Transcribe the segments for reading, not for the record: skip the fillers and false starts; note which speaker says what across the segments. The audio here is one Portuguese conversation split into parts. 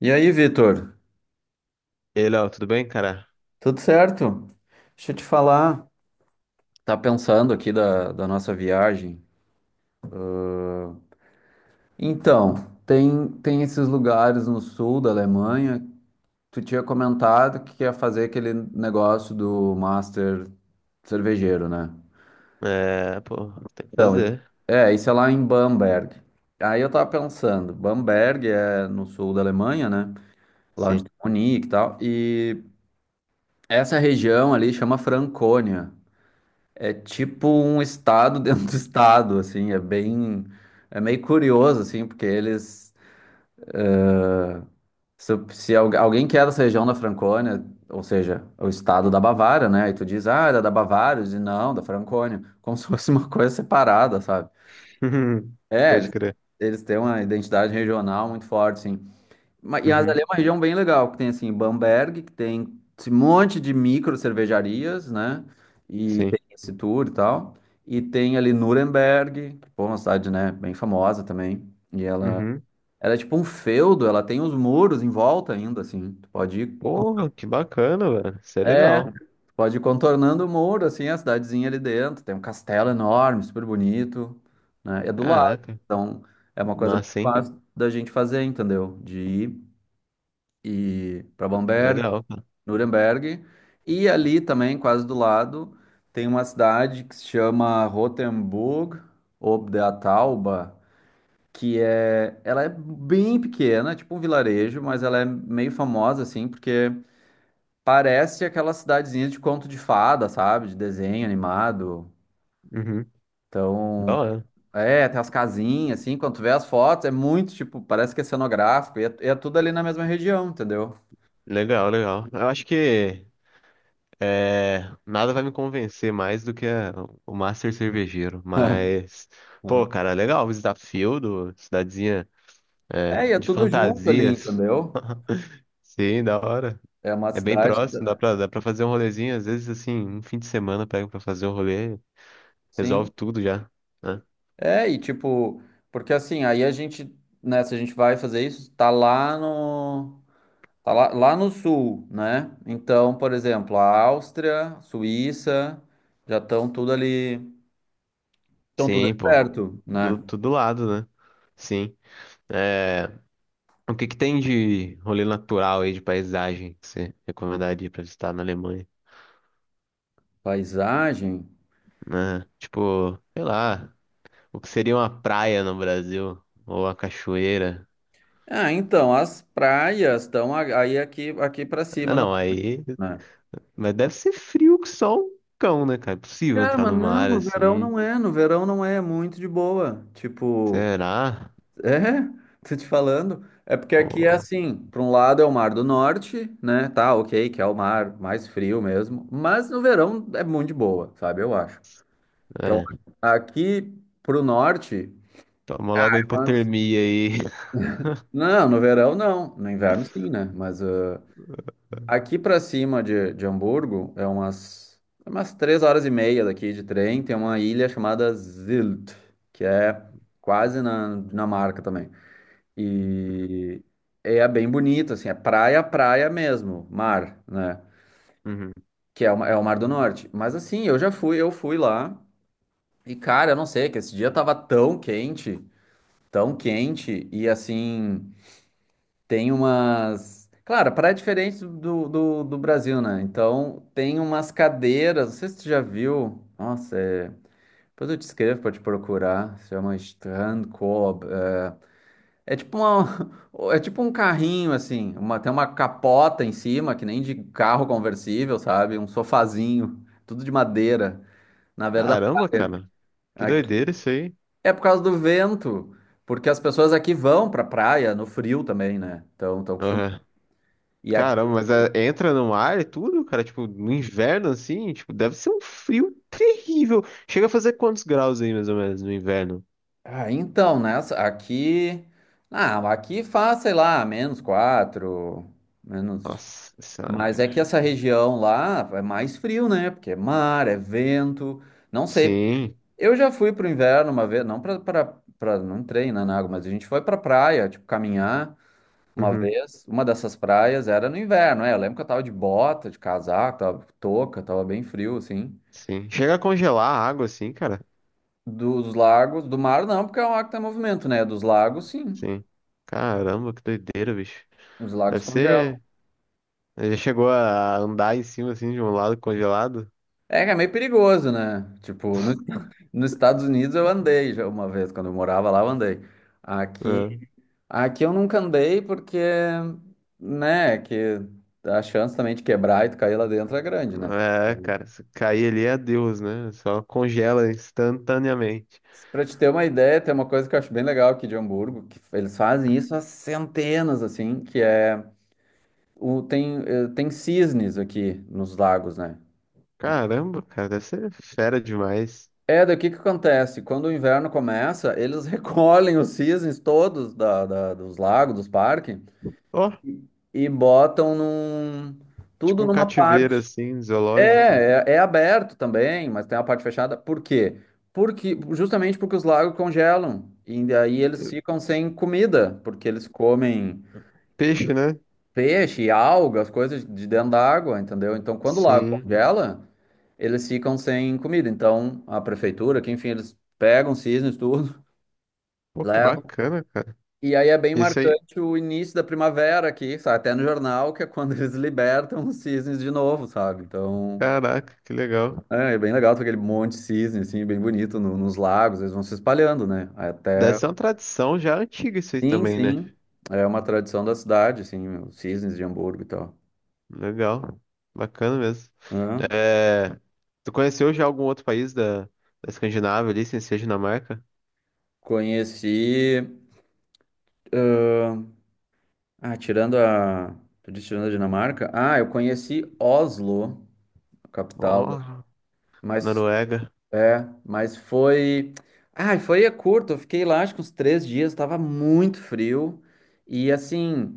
Speaker 1: E aí, Vitor?
Speaker 2: E aí, Léo, tudo bem, cara?
Speaker 1: Tudo certo? Deixa eu te falar. Tá pensando aqui da nossa viagem? Então, tem esses lugares no sul da Alemanha. Tu tinha comentado que ia fazer aquele negócio do Master cervejeiro, né?
Speaker 2: É, pô, tem que
Speaker 1: Então,
Speaker 2: fazer.
Speaker 1: é, isso é lá em Bamberg. Aí eu tava pensando, Bamberg é no sul da Alemanha, né? Lá onde
Speaker 2: Sim.
Speaker 1: tem Munique e tal. E essa região ali chama Franconia. É tipo um estado dentro do estado, assim, é bem, é meio curioso, assim, porque eles, se algu- alguém que é dessa região da Francônia, ou seja, o estado da Bavária, né, e tu diz, ah, era da Bavária, eu diz, não, da Francônia, como se fosse uma coisa separada, sabe? É,
Speaker 2: Pode crer.
Speaker 1: eles têm uma identidade regional muito forte, assim. Mas
Speaker 2: Uhum,
Speaker 1: ali é uma região bem legal, que tem assim Bamberg, que tem esse monte de micro cervejarias, né? E
Speaker 2: sim.
Speaker 1: tem esse tour e tal. E tem ali Nuremberg, que pô, é uma cidade, né, bem famosa também. E
Speaker 2: Uhum.
Speaker 1: ela é tipo um feudo, ela tem os muros em volta ainda, assim. Tu pode ir, con-
Speaker 2: Porra, que bacana, velho. Isso é
Speaker 1: é,
Speaker 2: legal.
Speaker 1: tu pode ir contornando o muro, assim, a cidadezinha ali dentro. Tem um castelo enorme, super bonito, né? É do lado,
Speaker 2: Caraca.
Speaker 1: então é uma coisa muito
Speaker 2: Massa, hein?
Speaker 1: fácil da gente fazer, entendeu? De ir e para Bamberg
Speaker 2: Legal, cara.
Speaker 1: Nuremberg. E ali também, quase do lado, tem uma cidade que se chama Rotenburg ob der Tauber, que é, ela é bem pequena, tipo um vilarejo, mas ela é meio famosa assim, porque parece aquela cidadezinha de conto de fada, sabe? De desenho animado.
Speaker 2: Uhum. Da
Speaker 1: Então,
Speaker 2: hora.
Speaker 1: é, tem as casinhas assim, quando tu vê as fotos, é muito tipo, parece que é cenográfico, e é tudo ali na mesma região, entendeu?
Speaker 2: Legal, legal. Eu acho que é, nada vai me convencer mais do que o Master Cervejeiro. Mas, pô, cara, legal. Visitar Fieldo, cidadezinha é,
Speaker 1: É, e é
Speaker 2: de
Speaker 1: tudo junto ali,
Speaker 2: fantasias.
Speaker 1: entendeu?
Speaker 2: Sim, da hora.
Speaker 1: É uma
Speaker 2: É bem
Speaker 1: cidade que
Speaker 2: próximo,
Speaker 1: dá-
Speaker 2: dá pra fazer um rolezinho. Às vezes, assim, um fim de semana pega pra fazer um rolê,
Speaker 1: Sim.
Speaker 2: resolve tudo já, né?
Speaker 1: É, e tipo, porque assim, aí se a gente vai fazer isso, Tá lá, lá no sul, né? Então, por exemplo, a Áustria, Suíça, já estão tudo ali. Estão tudo
Speaker 2: Sim,
Speaker 1: ali
Speaker 2: pô.
Speaker 1: perto, né?
Speaker 2: Do, tudo lado, né? Sim. É, o que que tem de rolê natural aí, de paisagem, que você recomendaria pra visitar na Alemanha?
Speaker 1: Paisagem.
Speaker 2: Né? Tipo, sei lá, o que seria uma praia no Brasil? Ou a cachoeira?
Speaker 1: Ah, então, as praias aí aqui, aqui para
Speaker 2: Ah,
Speaker 1: cima no
Speaker 2: não,
Speaker 1: norte,
Speaker 2: aí...
Speaker 1: né?
Speaker 2: Mas deve ser frio que só um cão, né, cara? É possível
Speaker 1: Cara,
Speaker 2: entrar
Speaker 1: mas
Speaker 2: no
Speaker 1: não,
Speaker 2: mar,
Speaker 1: no verão
Speaker 2: assim.
Speaker 1: não é, no verão não é, é muito de boa. Tipo.
Speaker 2: Será?
Speaker 1: É, tô te falando. É porque aqui é
Speaker 2: Pô,
Speaker 1: assim, para um lado é o Mar do Norte, né? Tá, ok, que é o mar mais frio mesmo, mas no verão é muito de boa, sabe? Eu acho. Então,
Speaker 2: é.
Speaker 1: aqui pro norte,
Speaker 2: Toma logo a
Speaker 1: mas-
Speaker 2: hipotermia aí.
Speaker 1: não, no verão não, no inverno sim, né? Mas ah, aqui para cima de Hamburgo é umas 3 horas e meia daqui de trem, tem uma ilha chamada Sylt, que é quase na Dinamarca também. E é bem bonito, assim, é praia, praia mesmo, mar, né?
Speaker 2: Uhum.
Speaker 1: Que é é o Mar do Norte. Mas assim, eu já fui, eu fui lá. E cara, eu não sei, que esse dia tava tão quente, tão quente. E assim, tem umas. Claro, a praia é diferente do Brasil, né? Então, tem umas cadeiras, não sei se tu já viu. Nossa, é depois eu te escrevo pra te procurar. Se chama Strand Co. É tipo uma, é tipo um carrinho, assim. Uma, tem uma capota em cima, que nem de carro conversível, sabe? Um sofazinho, tudo de madeira. Na verdade,
Speaker 2: Caramba, cara. Que
Speaker 1: aqui-
Speaker 2: doideira isso aí.
Speaker 1: é por causa do vento. Porque as pessoas aqui vão pra praia no frio também, né? Então, estão acostumadas.
Speaker 2: Aham.
Speaker 1: E aqui.
Speaker 2: Caramba, mas é, entra no ar e tudo, cara? Tipo, no inverno assim? Tipo, deve ser um frio terrível. Chega a fazer quantos graus aí, mais ou menos, no inverno?
Speaker 1: Ah, então, né? Aqui. Ah, aqui faz, sei lá, -4, menos.
Speaker 2: Nossa senhora,
Speaker 1: Mas é
Speaker 2: cara.
Speaker 1: que essa região lá é mais frio, né? Porque é mar, é vento. Não sei.
Speaker 2: Sim.
Speaker 1: Eu já fui pro inverno uma vez, não pra não treinar na água, mas a gente foi pra praia, tipo, caminhar uma
Speaker 2: Uhum.
Speaker 1: vez. Uma dessas praias era no inverno, é. Eu lembro que eu tava de bota, de casaco, tava com touca, tava bem frio, assim.
Speaker 2: Sim. Chega a congelar a água assim, cara?
Speaker 1: Dos lagos, do mar não, porque é um mar que tem movimento, né? Dos lagos, sim.
Speaker 2: Sim. Caramba, que doideira, bicho.
Speaker 1: Os lagos
Speaker 2: Deve
Speaker 1: congelam.
Speaker 2: ser. Já chegou a andar em cima assim de um lado congelado?
Speaker 1: É que é meio perigoso, né? Tipo, nos Estados Unidos eu andei já uma vez, quando eu morava lá, eu andei. Aqui.
Speaker 2: Ah.
Speaker 1: Aqui eu nunca andei porque, né, que a chance também de quebrar e tu cair lá dentro é grande, né?
Speaker 2: É,
Speaker 1: Então,
Speaker 2: cara, se cair ali é Deus, né? Só congela instantaneamente.
Speaker 1: pra te ter uma ideia, tem uma coisa que eu acho bem legal aqui de Hamburgo, que eles fazem isso há centenas, assim, que é tem cisnes aqui nos lagos, né?
Speaker 2: Caramba, cara, deve ser fera demais.
Speaker 1: É, daqui que acontece, quando o inverno começa, eles recolhem os cisnes todos dos lagos, dos parques,
Speaker 2: Ó,
Speaker 1: e botam num,
Speaker 2: tipo
Speaker 1: tudo
Speaker 2: um
Speaker 1: numa
Speaker 2: cativeiro
Speaker 1: parte.
Speaker 2: assim, zoológico.
Speaker 1: É, é, é aberto também, mas tem a parte fechada. Por quê? Porque, justamente porque os lagos congelam. E daí eles ficam sem comida, porque eles comem
Speaker 2: Peixe, né?
Speaker 1: peixe, algas, coisas de dentro da água, entendeu? Então, quando o lago
Speaker 2: Sim.
Speaker 1: congela, eles ficam sem comida. Então, a prefeitura, que enfim, eles pegam cisnes, tudo,
Speaker 2: Pô, que
Speaker 1: levam.
Speaker 2: bacana, cara.
Speaker 1: E aí é bem
Speaker 2: Isso aí,
Speaker 1: marcante o início da primavera aqui, sabe? Até no jornal, que é quando eles libertam os cisnes de novo, sabe? Então.
Speaker 2: caraca, que legal.
Speaker 1: É, é bem legal, tem aquele monte de cisne, assim, bem bonito nos lagos, eles vão se espalhando, né?
Speaker 2: Deve
Speaker 1: Até.
Speaker 2: ser uma tradição já antiga isso aí
Speaker 1: Sim,
Speaker 2: também, né?
Speaker 1: sim. É uma tradição da cidade, assim, os cisnes de Hamburgo e tal.
Speaker 2: Legal, bacana mesmo.
Speaker 1: Hã?
Speaker 2: É, tu conheceu já algum outro país da Escandinávia ali, sem ser Dinamarca?
Speaker 1: Conheci. Ah, tirando a. Tu disse tirando a Dinamarca? Ah, eu conheci Oslo, a capital. da-
Speaker 2: Ó,
Speaker 1: Mas.
Speaker 2: Noruega.
Speaker 1: É, mas foi. Ah, foi é curto, eu fiquei lá acho que uns 3 dias, tava muito frio. E assim.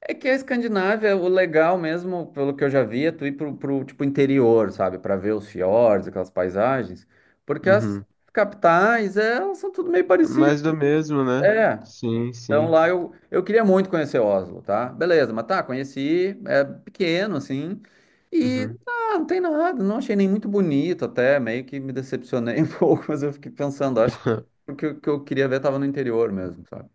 Speaker 1: É que a Escandinávia, o legal mesmo, pelo que eu já vi, é tu ir pro tipo, interior, sabe? Pra ver os fiordes, aquelas paisagens. Porque as
Speaker 2: Uhum.
Speaker 1: capitais, é, elas são tudo meio parecidas.
Speaker 2: Mais do mesmo, né?
Speaker 1: É.
Speaker 2: Sim,
Speaker 1: Então
Speaker 2: sim.
Speaker 1: lá eu queria muito conhecer Oslo, tá? Beleza, mas tá, conheci, é pequeno, assim. E
Speaker 2: Uhum.
Speaker 1: ah, não tem nada, não achei nem muito bonito até, meio que me decepcionei um pouco, mas eu fiquei pensando, acho que o que eu queria ver tava no interior mesmo, sabe?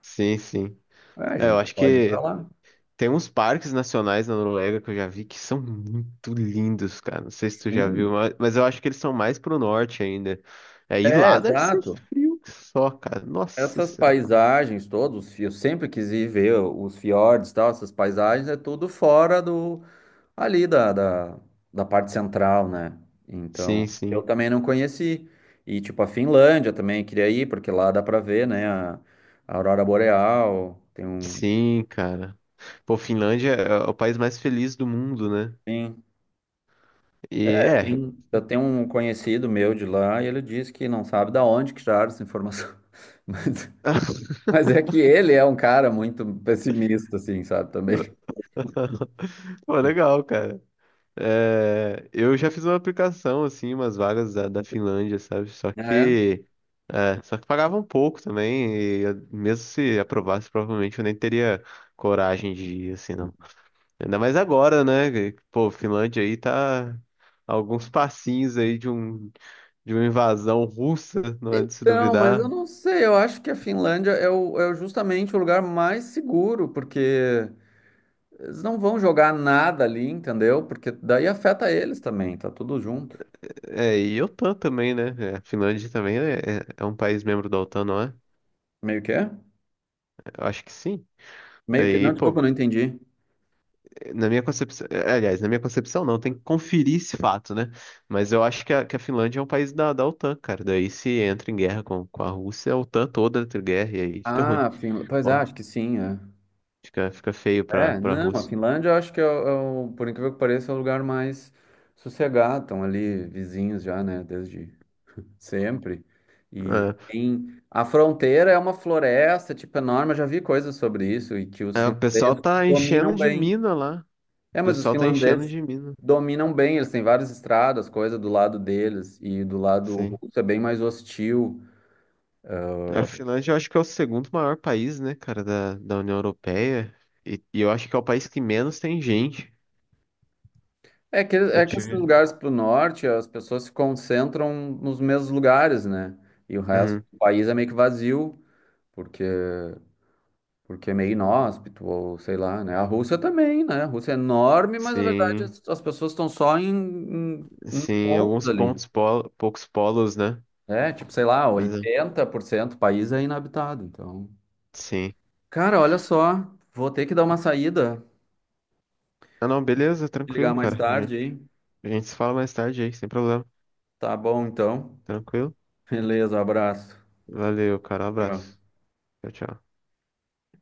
Speaker 2: Sim, sim.
Speaker 1: Ah,
Speaker 2: É, eu
Speaker 1: gente,
Speaker 2: acho
Speaker 1: pode ir pra
Speaker 2: que
Speaker 1: lá.
Speaker 2: tem uns parques nacionais na Noruega que eu já vi que são muito lindos, cara. Não sei se tu já viu,
Speaker 1: Sim.
Speaker 2: mas eu acho que eles são mais pro norte ainda. É, e
Speaker 1: É,
Speaker 2: lá deve ser
Speaker 1: exato.
Speaker 2: frio que só, cara. Nossa
Speaker 1: Essas
Speaker 2: Senhora.
Speaker 1: paisagens todos, eu sempre quis ir ver os fiordes e tal, essas paisagens é tudo fora do ali da parte central, né?
Speaker 2: Sim,
Speaker 1: Então, eu
Speaker 2: sim.
Speaker 1: também não conheci. E tipo a Finlândia também queria ir, porque lá dá pra ver, né, a aurora boreal, tem um
Speaker 2: Sim, cara. Pô, Finlândia é o país mais feliz do mundo, né?
Speaker 1: Sim.
Speaker 2: E é.
Speaker 1: Eu tenho um conhecido meu de lá e ele disse que não sabe da onde que tiraram essa informação. Mas, mas é que ele é um cara muito pessimista, assim, sabe, também.
Speaker 2: Pô, legal, cara. É, eu já fiz uma aplicação, assim, umas vagas da Finlândia, sabe? Só
Speaker 1: Ah, é?
Speaker 2: que, é, só que pagavam pouco também, e eu- mesmo se aprovasse, provavelmente eu nem teria coragem de ir, assim, não. Ainda mais agora, Pô, Finlândia aí tá a alguns passinhos aí de um, de uma invasão russa, não é de se
Speaker 1: Então, mas
Speaker 2: duvidar.
Speaker 1: eu não sei, eu acho que a Finlândia é o- justamente o lugar mais seguro, porque eles não vão jogar nada ali, entendeu? Porque daí afeta eles também, tá tudo junto.
Speaker 2: É, e a OTAN também, né? É, a Finlândia também é, é um país membro da OTAN, não é?
Speaker 1: Meio que é?
Speaker 2: Eu acho que sim.
Speaker 1: Meio que.
Speaker 2: Aí,
Speaker 1: Não, desculpa,
Speaker 2: pô,
Speaker 1: eu não entendi.
Speaker 2: na minha concepção, aliás, na minha concepção não, tem que conferir esse fato, né? Mas eu acho que a Finlândia é um país da OTAN, cara. Daí se entra em guerra com a Rússia, a OTAN toda entra em guerra e aí fica ruim.
Speaker 1: Ah, Finlândia. Pois é,
Speaker 2: Bom,
Speaker 1: acho que sim, é.
Speaker 2: fica feio pra,
Speaker 1: É,
Speaker 2: pra
Speaker 1: não, a
Speaker 2: Rússia.
Speaker 1: Finlândia eu acho que é o- por incrível que pareça, é o lugar mais sossegado. Estão ali vizinhos já, né? Desde Sempre. E
Speaker 2: É.
Speaker 1: em a fronteira é uma floresta, tipo, enorme. Eu já vi coisas sobre isso e que os
Speaker 2: É, o pessoal
Speaker 1: finlandeses
Speaker 2: tá enchendo
Speaker 1: dominam
Speaker 2: de
Speaker 1: bem.
Speaker 2: mina lá.
Speaker 1: É,
Speaker 2: O
Speaker 1: mas os
Speaker 2: pessoal tá enchendo
Speaker 1: finlandeses
Speaker 2: de mina.
Speaker 1: dominam bem. Eles têm várias estradas, coisa do lado deles e do lado
Speaker 2: Sim.
Speaker 1: russo é bem mais hostil.
Speaker 2: A Finlândia eu acho que é o segundo maior país, né, cara, da União Europeia. E, eu acho que é o país que menos tem gente. Eu
Speaker 1: É que esses
Speaker 2: tive.
Speaker 1: lugares para o norte, as pessoas se concentram nos mesmos lugares, né? E o resto
Speaker 2: Uhum.
Speaker 1: do país é meio que vazio, porque porque é meio inóspito, ou sei lá, né? A Rússia também, né? A Rússia é enorme, mas na verdade
Speaker 2: Sim.
Speaker 1: as pessoas estão só em
Speaker 2: Sim,
Speaker 1: pontos
Speaker 2: alguns
Speaker 1: ali.
Speaker 2: pontos, polo, poucos polos, né?
Speaker 1: É, tipo, sei lá,
Speaker 2: Mas é,
Speaker 1: 80% do país é inabitado. Então,
Speaker 2: sim.
Speaker 1: cara, olha só, vou ter que dar uma saída,
Speaker 2: Ah, não, beleza,
Speaker 1: ligar
Speaker 2: tranquilo,
Speaker 1: mais
Speaker 2: cara. A gente,
Speaker 1: tarde, hein?
Speaker 2: a gente se fala mais tarde aí, sem problema.
Speaker 1: Tá bom, então.
Speaker 2: Tranquilo?
Speaker 1: Beleza, abraço.
Speaker 2: Valeu, cara, um
Speaker 1: Tchau.
Speaker 2: abraço. Tchau, tchau.